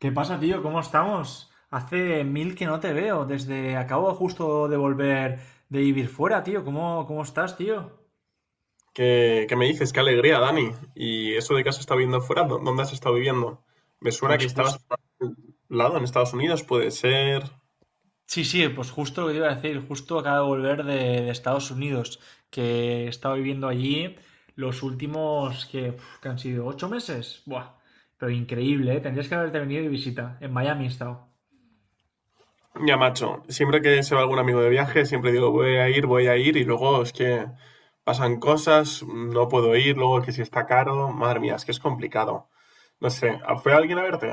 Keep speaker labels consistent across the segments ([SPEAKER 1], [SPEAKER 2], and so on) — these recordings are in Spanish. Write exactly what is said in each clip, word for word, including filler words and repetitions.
[SPEAKER 1] ¿Qué pasa, tío? ¿Cómo estamos? Hace mil que no te veo. Desde acabo justo de volver de vivir fuera, tío. ¿Cómo, cómo estás, tío?
[SPEAKER 2] ¿Qué, qué me dices? Qué alegría, Dani. ¿Y eso de que has estado viviendo fuera? ¿Dó- ¿Dónde has estado viviendo? Me suena que
[SPEAKER 1] Pues
[SPEAKER 2] estabas
[SPEAKER 1] justo,
[SPEAKER 2] por algún lado, en Estados Unidos, puede ser.
[SPEAKER 1] sí, sí, pues justo lo que te iba a decir. Justo acabo de volver de, de Estados Unidos, que he estado viviendo allí los últimos que, uf, que han sido ocho meses. Buah, pero increíble, ¿eh? Tendrías que haberte venido de visita. En Miami he estado.
[SPEAKER 2] Ya, macho, siempre que se va algún amigo de viaje, siempre digo, voy a ir, voy a ir, y luego es que pasan cosas, no puedo ir, luego que si está caro, madre mía, es que es complicado. No sé, ¿a- ¿fue alguien a verte?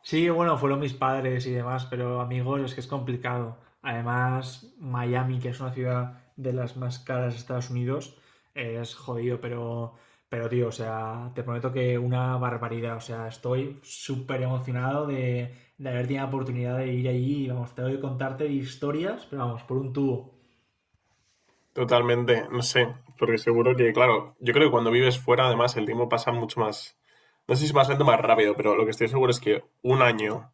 [SPEAKER 1] Sí, bueno, fueron mis padres y demás, pero amigos, es que es complicado. Además, Miami, que es una ciudad de las más caras de Estados Unidos, es jodido, pero, pero tío, o sea, te prometo que una barbaridad. O sea, estoy súper emocionado de, de haber tenido la oportunidad de ir allí. y, Vamos, tengo que contarte historias, pero vamos, por un tubo.
[SPEAKER 2] Totalmente, no sé, porque seguro que, claro, yo creo que cuando vives fuera, además, el tiempo pasa mucho más, no sé si más lento o más rápido, pero lo que estoy seguro es que un año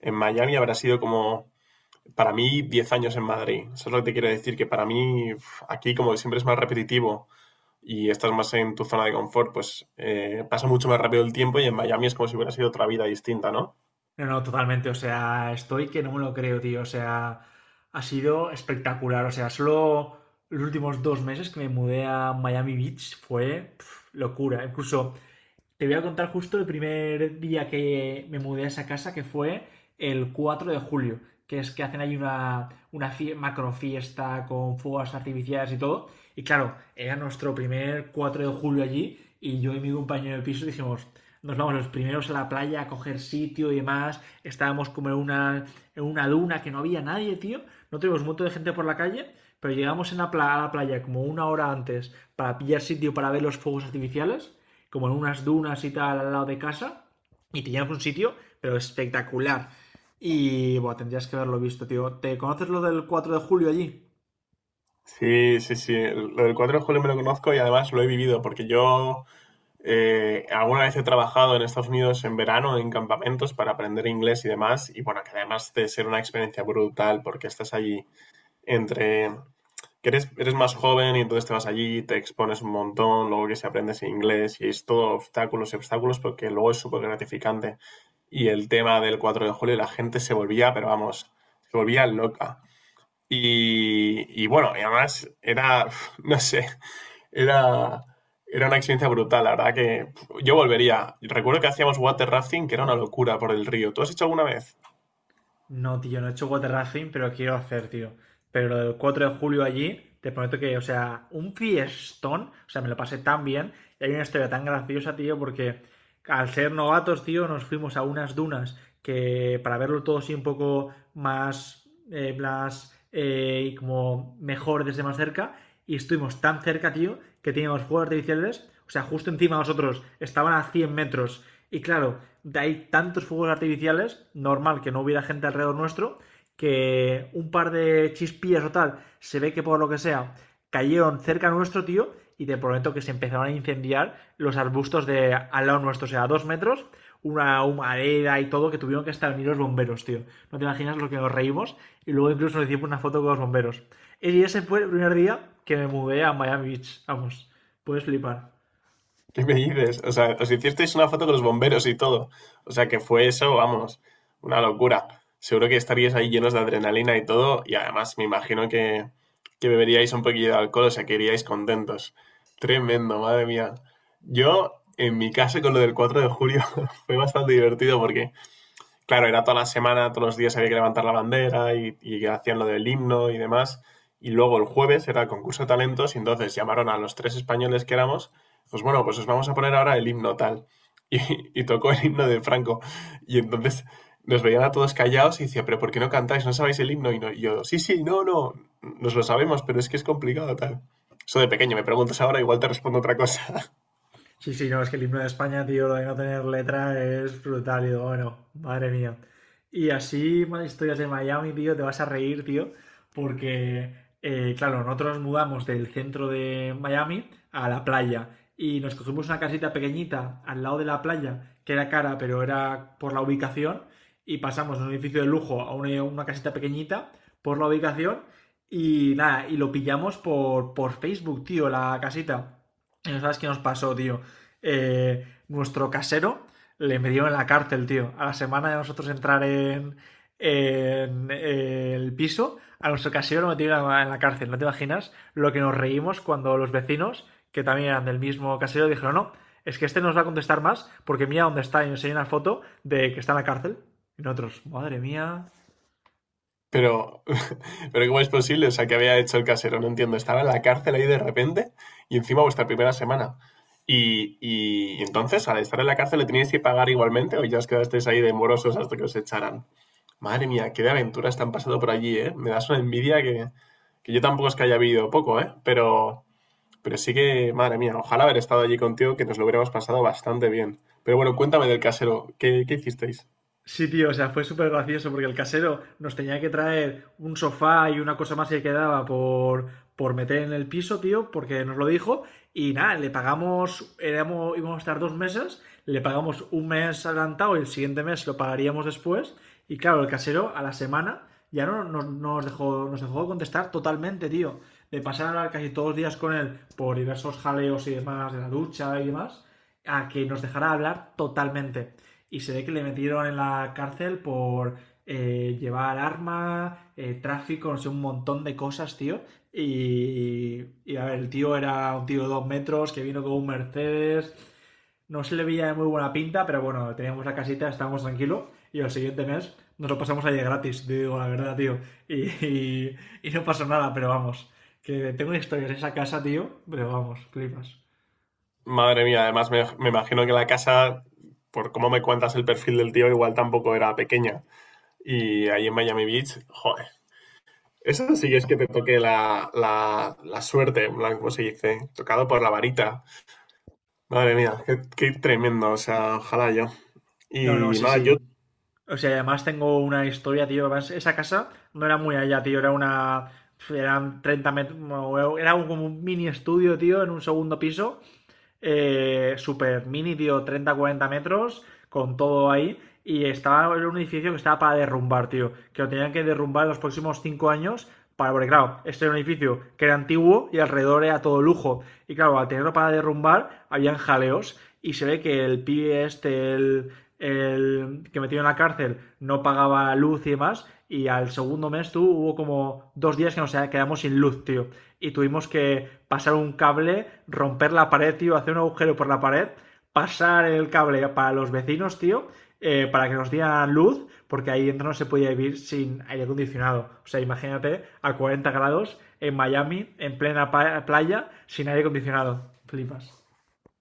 [SPEAKER 2] en Miami habrá sido como para mí diez años en Madrid. Eso es lo que te quiero decir, que para mí aquí como siempre es más repetitivo y estás más en tu zona de confort, pues eh, pasa mucho más rápido el tiempo y en Miami es como si hubiera sido otra vida distinta, ¿no?
[SPEAKER 1] No, no, totalmente. O sea, estoy que no me lo creo, tío. O sea, ha sido espectacular. O sea, solo los últimos dos meses que me mudé a Miami Beach fue pf, locura. Incluso te voy a contar justo el primer día que me mudé a esa casa, que fue el cuatro de julio, que es que hacen ahí una, una fie- macro fiesta con fuegos artificiales y todo. Y claro, era nuestro primer cuatro de julio allí y yo y mi compañero de piso dijimos, nos vamos los primeros a la playa a coger sitio y demás. Estábamos como en una, en una duna que no había nadie, tío. No tuvimos un montón de gente por la calle, pero llegamos en la pla- a la playa como una hora antes para pillar sitio para ver los fuegos artificiales como en unas dunas y tal al lado de casa. Y teníamos un sitio, pero espectacular. Y bueno, tendrías que haberlo visto, tío. ¿Te conoces lo del cuatro de julio allí?
[SPEAKER 2] Sí, sí, sí. Lo del cuatro de julio de julio me lo conozco y además lo he vivido porque yo eh, alguna vez he trabajado en Estados Unidos en verano en campamentos para aprender inglés y demás. Y bueno, que además de ser una experiencia brutal porque estás allí entre que eres, eres más joven y entonces te vas allí, te expones un montón, luego que si aprendes inglés y es todo obstáculos y obstáculos porque luego es súper gratificante. Y el tema del cuatro de julio, la gente se volvía, pero vamos, se volvía loca. Y, y bueno, y además era, no sé, era, era una experiencia brutal, la verdad que yo volvería. Recuerdo que hacíamos water rafting, que era una locura por el río. ¿Tú has hecho alguna vez?
[SPEAKER 1] No, tío, no he hecho water rafting, pero quiero hacer, tío. Pero lo del cuatro de julio allí, te prometo que, o sea, un fiestón, o sea, me lo pasé tan bien. Y hay una historia tan graciosa, tío, porque al ser novatos, tío, nos fuimos a unas dunas que para verlo todo así un poco más, eh, más, eh, y como mejor desde más cerca. Y estuvimos tan cerca, tío, que teníamos fuegos artificiales, o sea, justo encima de nosotros, estaban a cien metros. Y claro, de ahí tantos fuegos artificiales, normal que no hubiera gente alrededor nuestro, que un par de chispillas o tal, se ve que por lo que sea, cayeron cerca nuestro, tío, y te prometo que se empezaron a incendiar los arbustos de al lado nuestro, o sea, a dos metros, una humareda y todo, que tuvieron que estar unidos los bomberos, tío. No te imaginas lo que nos reímos, y luego incluso nos hicimos una foto con los bomberos. Y ese fue el primer día que me mudé a Miami Beach, vamos, puedes flipar.
[SPEAKER 2] ¿Qué me dices? O sea, os hicisteis una foto con los bomberos y todo. O sea, que fue eso, vamos, una locura. Seguro que estaríais ahí llenos de adrenalina y todo. Y además, me, imagino que, que beberíais un poquillo de alcohol, o sea, que iríais contentos. Tremendo, madre mía. Yo, en mi caso, con lo del cuatro de julio, fue bastante divertido porque claro, era toda la semana, todos los días había que levantar la bandera y, y hacían lo del himno y demás. Y luego el jueves era el concurso de talentos y entonces llamaron a los tres españoles que éramos, pues bueno, pues os vamos a poner ahora el himno tal. Y, y tocó el himno de Franco. Y entonces nos veían a todos callados y decía, pero ¿por qué no cantáis? ¿No sabéis el himno? Y, no- y yo, sí, sí, no, no, nos lo sabemos, pero es que es complicado tal. Eso de pequeño, me preguntas ahora, igual te respondo otra cosa.
[SPEAKER 1] Sí, sí, no, es que el himno de España, tío, lo de no tener letra es brutal. Y digo, bueno, madre mía. Y así, más historias de Miami, tío, te vas a reír, tío, porque, eh, claro, nosotros nos mudamos del centro de Miami a la playa y nos cogimos una casita pequeñita al lado de la playa, que era cara, pero era por la ubicación, y pasamos de un edificio de lujo a una, una casita pequeñita por la ubicación y nada, y lo pillamos por, por Facebook, tío, la casita. Y no sabes qué nos pasó, tío, eh, nuestro casero le metió en la cárcel, tío. A la semana de nosotros entrar en, en, eh, el piso, a nuestro casero lo metieron en la cárcel. ¿No te imaginas lo que nos reímos cuando los vecinos, que también eran del mismo casero, dijeron, no, es que este nos va a contestar más porque mira dónde está y enseña una foto de que está en la cárcel. Y nosotros, madre mía.
[SPEAKER 2] Pero, pero ¿cómo es posible? O sea, ¿qué había hecho el casero? No entiendo. Estaba en la cárcel ahí de repente y encima vuestra primera semana. Y, y entonces, al estar en la cárcel, ¿le teníais que pagar igualmente o ya os quedasteis ahí de morosos hasta que os echaran? Madre mía, qué de aventuras te han pasado por allí, ¿eh? Me das una envidia que, que yo tampoco es que haya vivido poco, ¿eh? Pero, pero sí que, madre mía, ojalá haber estado allí contigo, que nos lo hubiéramos pasado bastante bien. Pero bueno, cuéntame del casero, ¿qué, qué hicisteis?
[SPEAKER 1] Sí, tío, o sea, fue súper gracioso porque el casero nos tenía que traer un sofá y una cosa más que quedaba por, por meter en el piso, tío, porque nos lo dijo. Y nada, le pagamos, éramos, íbamos a estar dos meses, le pagamos un mes adelantado y el siguiente mes lo pagaríamos después. Y claro, el casero a la semana ya no nos, nos dejó, nos dejó de contestar totalmente, tío. De pasar a hablar casi todos los días con él por diversos jaleos y demás de la ducha y demás, a que nos dejara hablar totalmente. Y se ve que le metieron en la cárcel por eh, llevar armas, eh, tráfico, no sé, un montón de cosas, tío. Y, y, a ver, el tío era un tío de dos metros que vino con un Mercedes. No se le veía de muy buena pinta, pero bueno, teníamos la casita, estábamos tranquilos. Y el siguiente mes nos lo pasamos allí gratis, te digo la verdad, tío. Y, y, y no pasó nada, pero vamos. Que tengo historias de esa casa, tío, pero vamos, flipas.
[SPEAKER 2] Madre mía, además me, me imagino que la casa, por cómo me cuentas el perfil del tío, igual tampoco era pequeña. Y ahí en Miami Beach, joder. Eso sí es que te toque la, la, la suerte, en plan, ¿cómo se dice? Tocado por la varita. Madre mía, qué, qué tremendo, o sea, ojalá yo.
[SPEAKER 1] No, no,
[SPEAKER 2] Y
[SPEAKER 1] sí,
[SPEAKER 2] nada, yo,
[SPEAKER 1] sí. O sea, y además tengo una historia, tío. Además, esa casa no era muy allá, tío. Era una. Eran treinta metros. No, era un- como un mini estudio, tío, en un segundo piso. Eh, super mini, tío, treinta cuarenta metros. Con todo ahí. Y estaba Era un edificio que estaba para derrumbar, tío. Que lo tenían que derrumbar en los próximos cinco años. Para, porque claro, este era un edificio que era antiguo y alrededor era todo lujo. Y claro, al tenerlo para derrumbar, habían jaleos y se ve que el pibe este, el, el que metió en la cárcel, no pagaba luz y demás. Y al segundo mes, tú, hubo como dos días que nos quedamos sin luz, tío. Y tuvimos que pasar un cable, romper la pared, tío, hacer un agujero por la pared, pasar el cable para los vecinos, tío, eh, para que nos dieran luz, porque ahí dentro no se podía vivir sin aire acondicionado. O sea, imagínate a cuarenta grados en Miami, en plena playa, sin aire acondicionado. Flipas.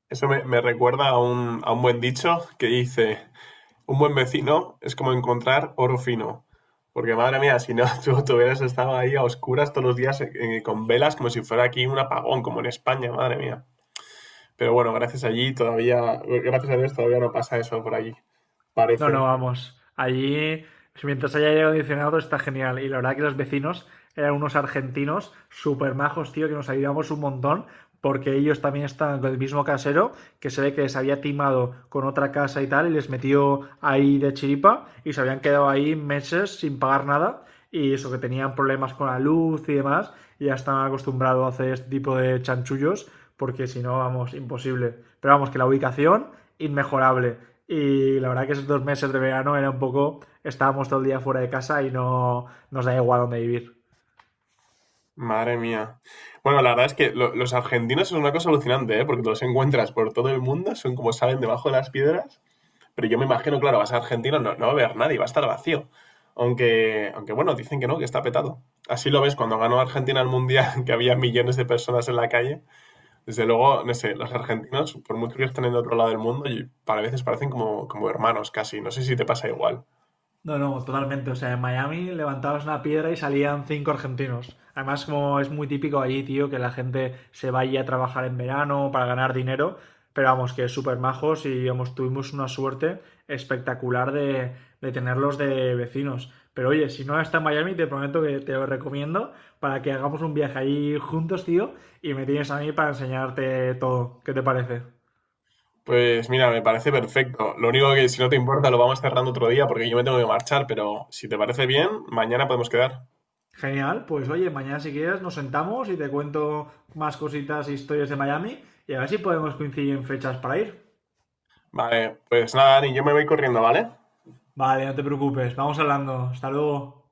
[SPEAKER 2] eso me, me recuerda a un, a un buen dicho que dice, un buen vecino es como encontrar oro fino. Porque madre mía, si no, tú, tú hubieras estado ahí a oscuras todos los días eh, eh, con velas como si fuera aquí un apagón, como en España, madre mía. Pero bueno, gracias allí todavía, gracias a Dios todavía no pasa eso por allí,
[SPEAKER 1] No, no,
[SPEAKER 2] parece.
[SPEAKER 1] vamos. Allí, mientras haya aire acondicionado, está genial. Y la verdad que los vecinos eran unos argentinos súper majos, tío, que nos ayudamos un montón, porque ellos también están con el mismo casero, que se ve que les había timado con otra casa y tal, y les metió ahí de chiripa, y se habían quedado ahí meses sin pagar nada, y eso que tenían problemas con la luz y demás, y ya estaban acostumbrados a hacer este tipo de chanchullos, porque si no, vamos, imposible. Pero vamos, que la ubicación, inmejorable. Y la verdad que esos dos meses de verano era un poco, estábamos todo el día fuera de casa y no nos da igual dónde vivir.
[SPEAKER 2] Madre mía. Bueno, la verdad es que lo- los argentinos es una cosa alucinante, ¿eh? Porque los encuentras por todo el mundo, son como salen debajo de las piedras. Pero yo me imagino, claro, vas a Argentina, no, no va a haber nadie, va a estar vacío. Aunque, aunque bueno, dicen que no, que está petado. Así lo ves cuando ganó Argentina el Mundial, que había millones de personas en la calle. Desde luego, no sé, los argentinos, por mucho que estén en otro lado del mundo, y para veces parecen como, como hermanos casi. No sé si te pasa igual.
[SPEAKER 1] No, no, totalmente. O sea, en Miami levantabas una piedra y salían cinco argentinos. Además, como es muy típico allí, tío, que la gente se vaya a trabajar en verano para ganar dinero. Pero vamos, que súper majos y vamos, tuvimos una suerte espectacular de, de tenerlos de vecinos. Pero oye, si no está en Miami, te prometo que te lo recomiendo para que hagamos un viaje allí juntos, tío, y me tienes a mí para enseñarte todo. ¿Qué te parece?
[SPEAKER 2] Pues mira, me parece perfecto. Lo único que si no te importa lo vamos cerrando otro día porque yo me tengo que marchar, pero si te parece bien, mañana podemos quedar.
[SPEAKER 1] Genial, pues oye, mañana si quieres nos sentamos y te cuento más cositas e historias de Miami y a ver si podemos coincidir en fechas para ir.
[SPEAKER 2] Vale, pues nada, Dani, yo me voy corriendo, ¿vale?
[SPEAKER 1] Vale, no te preocupes, vamos hablando. Hasta luego.